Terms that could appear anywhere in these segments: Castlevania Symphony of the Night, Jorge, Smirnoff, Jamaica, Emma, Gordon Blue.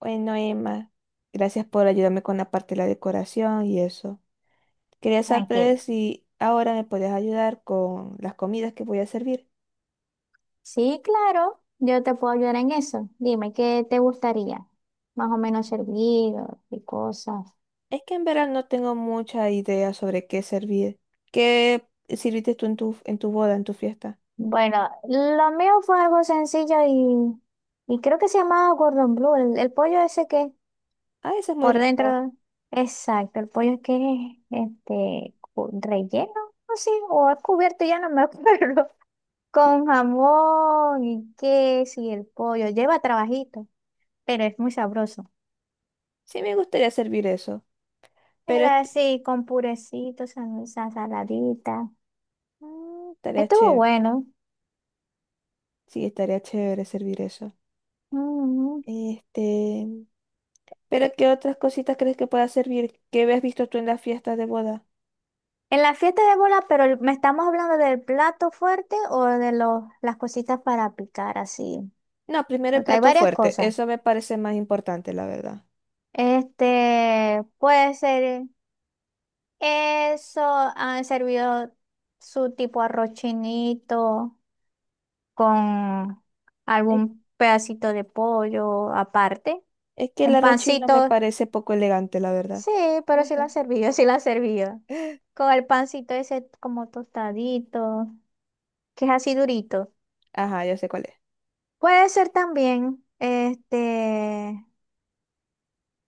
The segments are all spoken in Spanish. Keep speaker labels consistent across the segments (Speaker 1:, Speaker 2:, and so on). Speaker 1: Bueno, Emma, gracias por ayudarme con la parte de la decoración y eso. Quería
Speaker 2: Tranquilo.
Speaker 1: saber si ahora me puedes ayudar con las comidas que voy a servir.
Speaker 2: Sí, claro, yo te puedo ayudar en eso. Dime, ¿qué te gustaría? Más o menos servido y cosas.
Speaker 1: Es que en verdad no tengo mucha idea sobre qué servir. ¿Qué sirviste tú en tu boda, en tu fiesta?
Speaker 2: Bueno, lo mío fue algo sencillo y creo que se llamaba Gordon Blue, el pollo ese que
Speaker 1: Ah, eso es muy
Speaker 2: por
Speaker 1: rico.
Speaker 2: dentro, exacto, el pollo que es relleno, no sé, o es cubierto, ya no me acuerdo, con jamón y queso y el pollo, lleva trabajito, pero es muy sabroso.
Speaker 1: Sí, me gustaría servir eso, pero
Speaker 2: Era así, con purecito, salsa saladita.
Speaker 1: estaría
Speaker 2: Estuvo
Speaker 1: chévere.
Speaker 2: bueno.
Speaker 1: Sí, estaría chévere servir eso.
Speaker 2: Ujú.
Speaker 1: Este, pero ¿qué otras cositas crees que pueda servir? ¿Qué habías visto tú en las fiestas de boda?
Speaker 2: En la fiesta de bola, ¿me estamos hablando del plato fuerte o de las cositas para picar así?
Speaker 1: No, primero el
Speaker 2: Porque hay
Speaker 1: plato
Speaker 2: varias
Speaker 1: fuerte.
Speaker 2: cosas.
Speaker 1: Eso me parece más importante, la verdad.
Speaker 2: Este, puede ser eso, han servido su tipo arroz chinito con
Speaker 1: Es,
Speaker 2: algún pedacito de pollo aparte,
Speaker 1: es que el
Speaker 2: un
Speaker 1: arroz chino me
Speaker 2: pancito.
Speaker 1: parece poco elegante, la verdad.
Speaker 2: Sí, pero sí la han servido, sí la han servido. Con el pancito ese como tostadito, que es así durito.
Speaker 1: Ajá, yo sé cuál es.
Speaker 2: Puede ser también, este,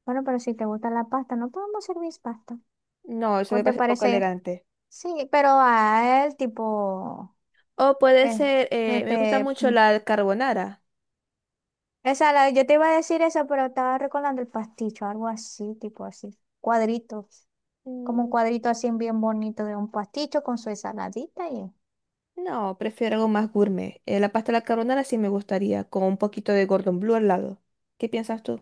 Speaker 2: bueno, pero si te gusta la pasta, no podemos servir pasta.
Speaker 1: No, eso
Speaker 2: ¿O
Speaker 1: me
Speaker 2: te
Speaker 1: parece poco
Speaker 2: parece?
Speaker 1: elegante.
Speaker 2: Sí, pero a él tipo,
Speaker 1: O puede
Speaker 2: eh,
Speaker 1: ser, me gusta
Speaker 2: este,
Speaker 1: mucho
Speaker 2: mm,
Speaker 1: la carbonara.
Speaker 2: esa, yo te iba a decir eso, pero estaba recordando el pasticho, algo así, tipo así, cuadritos, como un
Speaker 1: Mm,
Speaker 2: cuadrito así bien bonito de un pasticho con su ensaladita y...
Speaker 1: No, prefiero algo más gourmet. La pasta de la carbonara sí me gustaría, con un poquito de Gordon Blue al lado. ¿Qué piensas tú?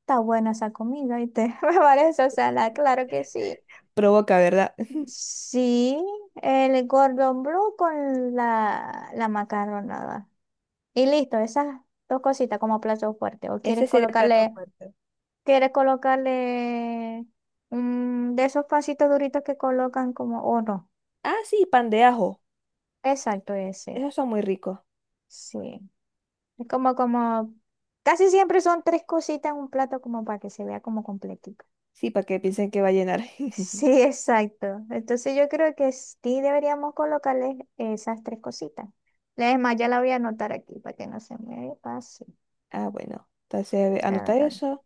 Speaker 2: Está buena esa comida, y te me parece, o sea, la, claro que sí.
Speaker 1: Provoca, ¿verdad?
Speaker 2: Sí, el Gordon Blue con la macarronada. Y listo, esas dos cositas como plato fuerte. ¿O
Speaker 1: Ese
Speaker 2: quieres
Speaker 1: sería el plato
Speaker 2: colocarle,
Speaker 1: fuerte.
Speaker 2: quieres colocarle de esos pancitos duritos que colocan como, o no?
Speaker 1: Ah, sí, pan de ajo.
Speaker 2: Exacto, ese.
Speaker 1: Esos son muy ricos.
Speaker 2: Sí. Es como casi siempre son tres cositas en un plato como para que se vea como completito.
Speaker 1: Sí, para que piensen que va a llenar.
Speaker 2: Sí, exacto. Entonces yo creo que sí deberíamos colocarles esas tres cositas. Es más, ya la voy a anotar aquí para que no se me pase.
Speaker 1: Ah, bueno, entonces a
Speaker 2: Ta,
Speaker 1: anota
Speaker 2: ta.
Speaker 1: eso.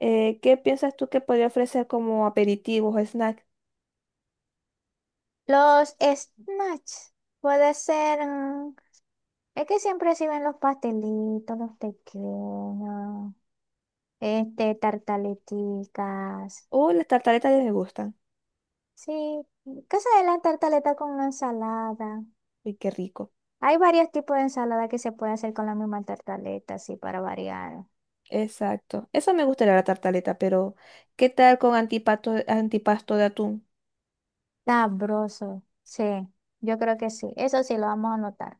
Speaker 1: ¿Qué piensas tú que podría ofrecer como aperitivos o snack?
Speaker 2: Los snacks. Puede ser. Es que siempre sirven los pastelitos, los pequeños, este, tartaleticas.
Speaker 1: Las tartaletas ya me gustan.
Speaker 2: Sí, casa de la tartaleta con una ensalada.
Speaker 1: Uy, qué rico.
Speaker 2: Hay varios tipos de ensalada que se puede hacer con la misma tartaleta, así para variar.
Speaker 1: Exacto. Eso me gustaría la tartaleta, pero ¿qué tal con antipasto, antipasto de atún?
Speaker 2: Sabroso, sí, yo creo que sí. Eso sí lo vamos a anotar.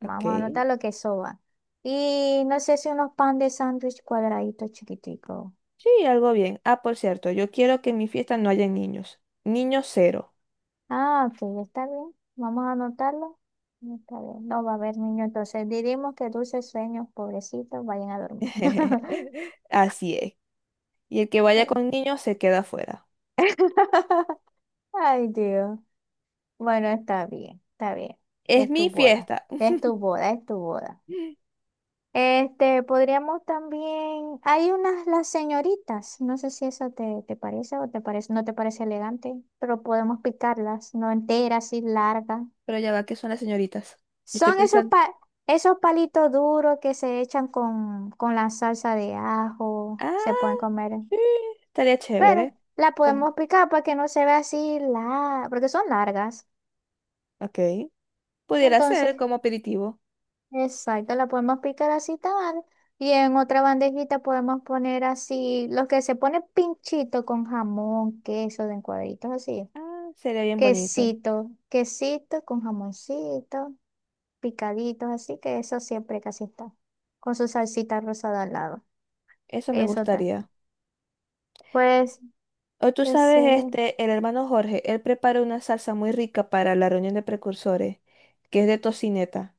Speaker 2: Vamos a
Speaker 1: Ok.
Speaker 2: anotar lo que eso va. Y no sé si unos pan de sándwich cuadraditos chiquiticos.
Speaker 1: Sí, algo bien. Ah, por cierto, yo quiero que en mi fiesta no haya niños. Niños cero.
Speaker 2: Ah, ok, está bien. Vamos a anotarlo. Está bien. No va a haber niño, entonces diremos que dulces sueños, pobrecitos, vayan a dormir.
Speaker 1: Así es. Y el que vaya con niños se queda afuera.
Speaker 2: Ay, Dios. Bueno, está bien, está bien.
Speaker 1: Es
Speaker 2: Es tu
Speaker 1: mi
Speaker 2: boda.
Speaker 1: fiesta.
Speaker 2: Es tu boda, es tu boda. Este, podríamos también, hay unas las señoritas, no sé si eso te parece o te parece, no te parece elegante, pero podemos picarlas, no enteras, sí largas.
Speaker 1: Pero ya va, ¿que son las señoritas? Yo estoy
Speaker 2: Son
Speaker 1: pensando.
Speaker 2: esos palitos duros que se echan con la salsa de ajo,
Speaker 1: Ah.
Speaker 2: se pueden comer,
Speaker 1: Sí, estaría
Speaker 2: pero
Speaker 1: chévere.
Speaker 2: la
Speaker 1: Como-
Speaker 2: podemos picar para que no se vea así larga, porque son largas.
Speaker 1: Ok. Pudiera
Speaker 2: Entonces,
Speaker 1: ser como aperitivo.
Speaker 2: exacto, la podemos picar así tal y en otra bandejita podemos poner así, los que se pone pinchito con jamón, queso, de en cuadritos así,
Speaker 1: Ah, sería bien bonito.
Speaker 2: quesito, quesito con jamoncito, picaditos así, que eso siempre casi está, con su salsita rosada al lado,
Speaker 1: Eso me
Speaker 2: eso está.
Speaker 1: gustaría.
Speaker 2: Pues,
Speaker 1: O tú sabes,
Speaker 2: ese
Speaker 1: este, el hermano Jorge, él prepara una salsa muy rica para la reunión de precursores, que es de tocineta.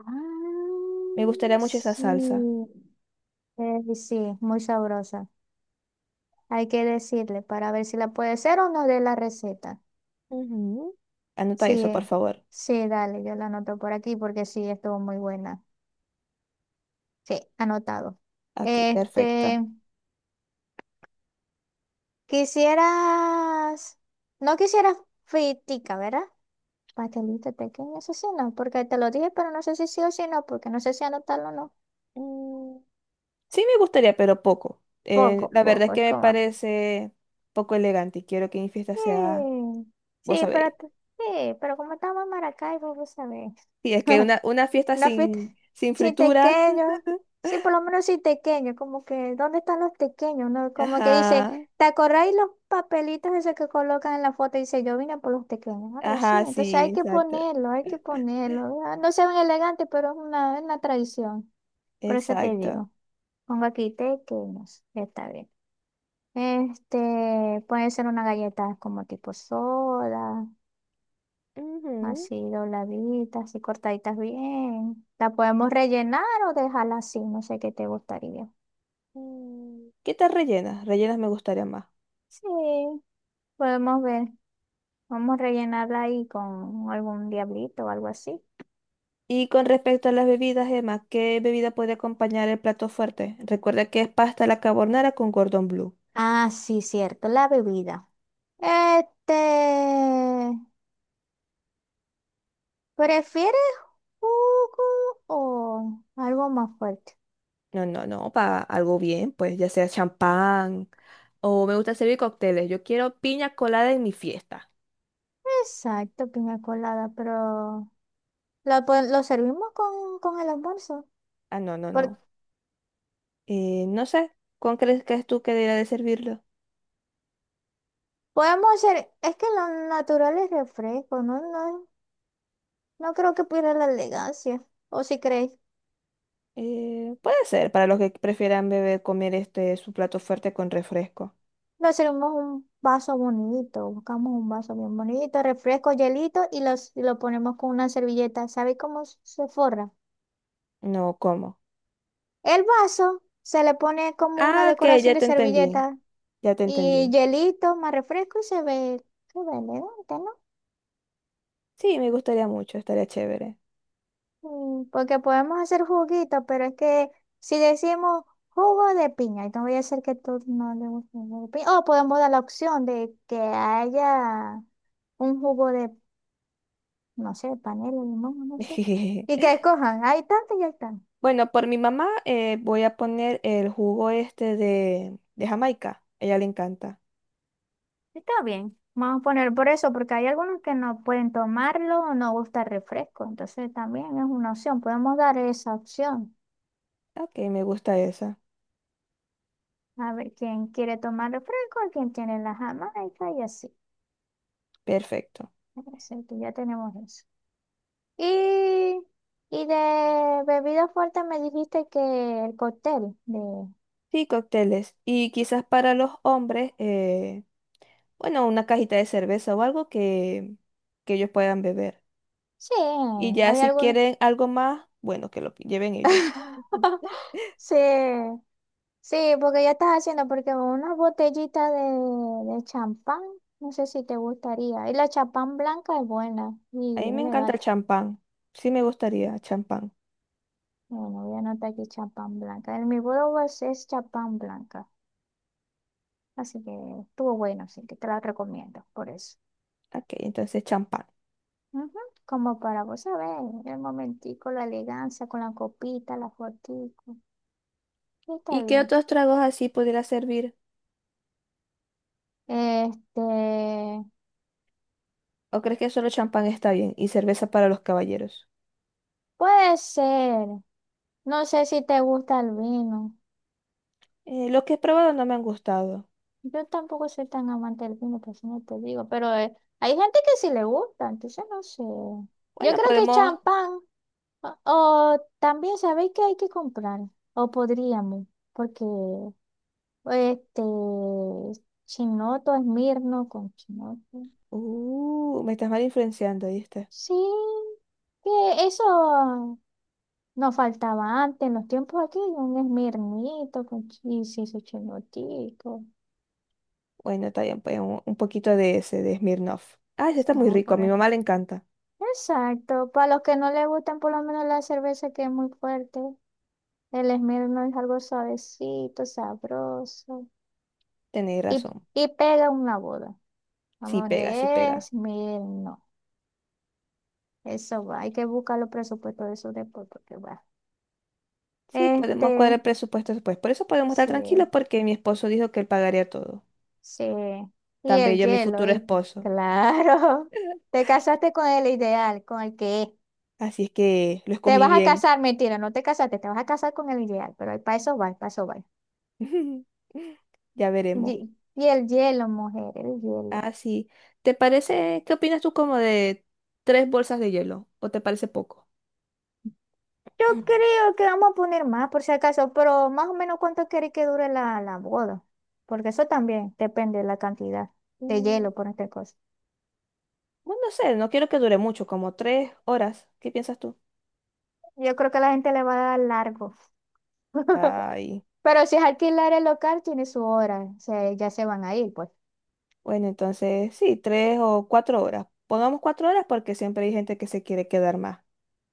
Speaker 2: ah,
Speaker 1: Me gustaría mucho esa salsa.
Speaker 2: sí, sí, muy sabrosa, hay que decirle para ver si la puede hacer o no de la receta.
Speaker 1: Ujú. Anota eso, por
Speaker 2: Sí,
Speaker 1: favor.
Speaker 2: sí, dale, yo la anoto por aquí porque sí, estuvo muy buena. Sí, anotado.
Speaker 1: Aquí, perfecto.
Speaker 2: Este, quisieras, no quisieras fritica, ¿verdad? Pastelito pequeño, eso sí, no, porque te lo dije, pero no sé si sí o si no, porque no sé si anotarlo o no.
Speaker 1: Mm, Sí me gustaría, pero poco.
Speaker 2: Poco,
Speaker 1: La verdad es
Speaker 2: poco,
Speaker 1: que
Speaker 2: es
Speaker 1: me
Speaker 2: como.
Speaker 1: parece poco elegante y quiero que mi fiesta sea,
Speaker 2: Sí, sí,
Speaker 1: vos
Speaker 2: pero,
Speaker 1: sabéis.
Speaker 2: sí, pero como estamos en Maracaibo, vos sabés.
Speaker 1: Sí, es que una fiesta
Speaker 2: Una fiesta
Speaker 1: sin
Speaker 2: sin
Speaker 1: fritura.
Speaker 2: tequeños. Sí, por lo menos sin tequeños. Como que, ¿dónde están los tequeños? ¿No? Como que dice,
Speaker 1: Ajá,
Speaker 2: ¿te acordáis los papelitos esos que colocan en la foto? Y dice, yo vine por los tequeños, algo así.
Speaker 1: ajá,
Speaker 2: Entonces
Speaker 1: sí,
Speaker 2: hay que
Speaker 1: exacto,
Speaker 2: ponerlo, hay que ponerlo. Ah, no se ven elegantes, pero es es una tradición. Por eso te
Speaker 1: exacto.
Speaker 2: digo. Pongo aquí tequeños. Está bien. Este, puede ser una galleta como tipo soda.
Speaker 1: Ujú.
Speaker 2: Así dobladitas, así cortaditas bien. La podemos rellenar o dejarla así, no sé qué te gustaría.
Speaker 1: ¿Qué tal rellenas? Rellenas me gustaría más.
Speaker 2: Sí, podemos ver. Vamos a rellenarla ahí con algún diablito o algo así.
Speaker 1: Y con respecto a las bebidas, Emma, ¿qué bebida puede acompañar el plato fuerte? Recuerda que es pasta a la carbonara con cordón blue.
Speaker 2: Ah, sí, cierto, la bebida. Este, ¿prefieres jugo o algo más fuerte?
Speaker 1: No, no, no, para algo bien, pues ya sea champán o me gusta servir cócteles. Yo quiero piña colada en mi fiesta.
Speaker 2: Exacto, piña colada, pero ¿servimos con el almuerzo?
Speaker 1: Ah, no, no, no. No sé, ¿cuál crees que es tú que debería de servirlo?
Speaker 2: Podemos hacer, es que lo natural es refresco, ¿no? No, no creo que pierda la elegancia. O si crees,
Speaker 1: Puede ser, para los que prefieran beber, comer este su plato fuerte con refresco.
Speaker 2: lo hacemos un vaso bonito, buscamos un vaso bien bonito, refresco, hielito y, los, y lo ponemos con una servilleta. ¿Sabes cómo se forra?
Speaker 1: No, ¿cómo?
Speaker 2: El vaso se le pone como una
Speaker 1: Ah, que
Speaker 2: decoración
Speaker 1: ya
Speaker 2: de
Speaker 1: te entendí,
Speaker 2: servilleta
Speaker 1: ya te
Speaker 2: y
Speaker 1: entendí.
Speaker 2: hielito más refresco y se ve elegante, ¿no?
Speaker 1: Sí, me gustaría mucho, estaría chévere.
Speaker 2: Porque podemos hacer juguito, pero es que si decimos jugo de piña, entonces voy a hacer que tú no le guste el jugo de piña. O podemos dar la opción de que haya un jugo de, no sé, panela, limón, no sé. Y que escojan, hay tanto y hay tanto.
Speaker 1: Bueno, por mi mamá voy a poner el jugo este de Jamaica. A ella le encanta.
Speaker 2: Está bien, vamos a poner por eso, porque hay algunos que no pueden tomarlo o no gusta el refresco. Entonces también es una opción, podemos dar esa opción.
Speaker 1: Ok, me gusta esa.
Speaker 2: A ver quién quiere tomar refresco, quién tiene la jamaica y así.
Speaker 1: Perfecto.
Speaker 2: Entonces, que ya tenemos eso. Y, y de bebida fuerte me dijiste que el cóctel de...
Speaker 1: Sí, cócteles. Y quizás para los hombres, bueno, una cajita de cerveza o algo que ellos puedan beber.
Speaker 2: Sí,
Speaker 1: Y ya
Speaker 2: hay
Speaker 1: si
Speaker 2: algún...
Speaker 1: quieren algo más, bueno, que lo lleven ellos. Ujú.
Speaker 2: Sí, sí, porque ya estás haciendo, porque una botellita de champán, no sé si te gustaría. Y la champán blanca es buena
Speaker 1: A
Speaker 2: y
Speaker 1: mí
Speaker 2: es
Speaker 1: me encanta el
Speaker 2: elegante.
Speaker 1: champán. Sí me gustaría champán.
Speaker 2: Bueno, voy a anotar aquí champán blanca. En mi boda es champán blanca, así que estuvo bueno, así que te la recomiendo por eso.
Speaker 1: Ok, entonces champán.
Speaker 2: Ujú, como para vos saber el momentico, la elegancia con la copita, la fotico. Sí, está
Speaker 1: ¿Y qué
Speaker 2: bien.
Speaker 1: otros tragos así pudiera servir?
Speaker 2: Este,
Speaker 1: ¿O crees que solo champán está bien y cerveza para los caballeros?
Speaker 2: puede ser. No sé si te gusta el vino.
Speaker 1: Los que he probado no me han gustado.
Speaker 2: Yo tampoco soy tan amante del vino, por eso no te digo. Pero hay gente que sí le gusta, entonces no sé. Yo
Speaker 1: Bueno,
Speaker 2: creo que
Speaker 1: podemos...
Speaker 2: champán. O también sabéis que hay que comprar. O podríamos, porque este chinoto, mirno con chinoto.
Speaker 1: Me estás mal influenciando, ¿viste?
Speaker 2: Sí, que eso nos faltaba antes, en los tiempos aquí, un esmirnito con chisis, su chenotico.
Speaker 1: Bueno, está bien, pues un poquito de ese, de Smirnoff. Ah, ese está muy
Speaker 2: Vamos a
Speaker 1: rico, a mi
Speaker 2: poner.
Speaker 1: mamá le encanta.
Speaker 2: Exacto, para los que no les gustan por lo menos la cerveza que es muy fuerte, el esmirno es algo suavecito, sabroso
Speaker 1: Tenéis
Speaker 2: y,
Speaker 1: razón.
Speaker 2: y pega una boda.
Speaker 1: Sí
Speaker 2: Vamos
Speaker 1: pega, sí
Speaker 2: de
Speaker 1: pega.
Speaker 2: esmirno. Eso va, hay que buscar los presupuestos de esos después porque va.
Speaker 1: Sí, podemos
Speaker 2: Este,
Speaker 1: cuadrar presupuesto después. Por eso podemos estar
Speaker 2: sí.
Speaker 1: tranquilos porque mi esposo dijo que él pagaría todo.
Speaker 2: Sí, y
Speaker 1: Tan
Speaker 2: el
Speaker 1: bello mi
Speaker 2: hielo,
Speaker 1: futuro
Speaker 2: ¿viste?
Speaker 1: esposo.
Speaker 2: Claro, te casaste con el ideal, con el que es.
Speaker 1: Así es que lo
Speaker 2: Te
Speaker 1: escogí
Speaker 2: vas a
Speaker 1: bien.
Speaker 2: casar, mentira, no te casaste, te vas a casar con el ideal, pero para eso va, para eso va.
Speaker 1: Ya veremos.
Speaker 2: Y el hielo, mujer, el hielo.
Speaker 1: Ah, sí. ¿Te parece, qué opinas tú como de tres bolsas de hielo? ¿O te parece poco?
Speaker 2: Yo creo que vamos a poner más por si acaso, pero más o menos cuánto queréis que dure la boda, porque eso también depende de la cantidad de
Speaker 1: Mm,
Speaker 2: hielo por esta cosa.
Speaker 1: Bueno, no sé, no quiero que dure mucho, como 3 horas. ¿Qué piensas tú?
Speaker 2: Yo creo que la gente le va a dar largo,
Speaker 1: Ay,
Speaker 2: pero si es alquilar el local, tiene su hora, o sea, ya se van a ir, pues.
Speaker 1: bueno, entonces sí, 3 o 4 horas. Pongamos 4 horas porque siempre hay gente que se quiere quedar más.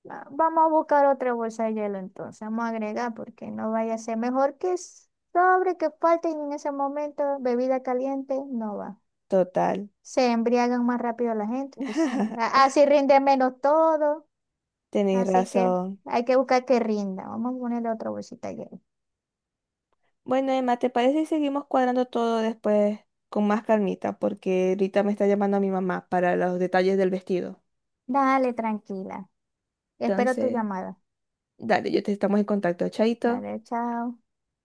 Speaker 2: Ah, vamos a buscar otra bolsa de hielo entonces, vamos a agregar porque no vaya a ser mejor que sobre que falte y en ese momento bebida caliente no va.
Speaker 1: Total.
Speaker 2: Se embriagan más rápido la gente, pues, sí. Así rinde menos todo,
Speaker 1: Tenéis
Speaker 2: así que
Speaker 1: razón.
Speaker 2: hay que buscar que rinda. Vamos a ponerle otra bolsita de hielo.
Speaker 1: Bueno, Emma, ¿te parece si seguimos cuadrando todo después con más calmita? Porque ahorita me está llamando a mi mamá para los detalles del vestido.
Speaker 2: Dale, tranquila. Espero tu
Speaker 1: Entonces,
Speaker 2: llamada.
Speaker 1: dale, yo te estamos en contacto. Chaito.
Speaker 2: Dale, chao.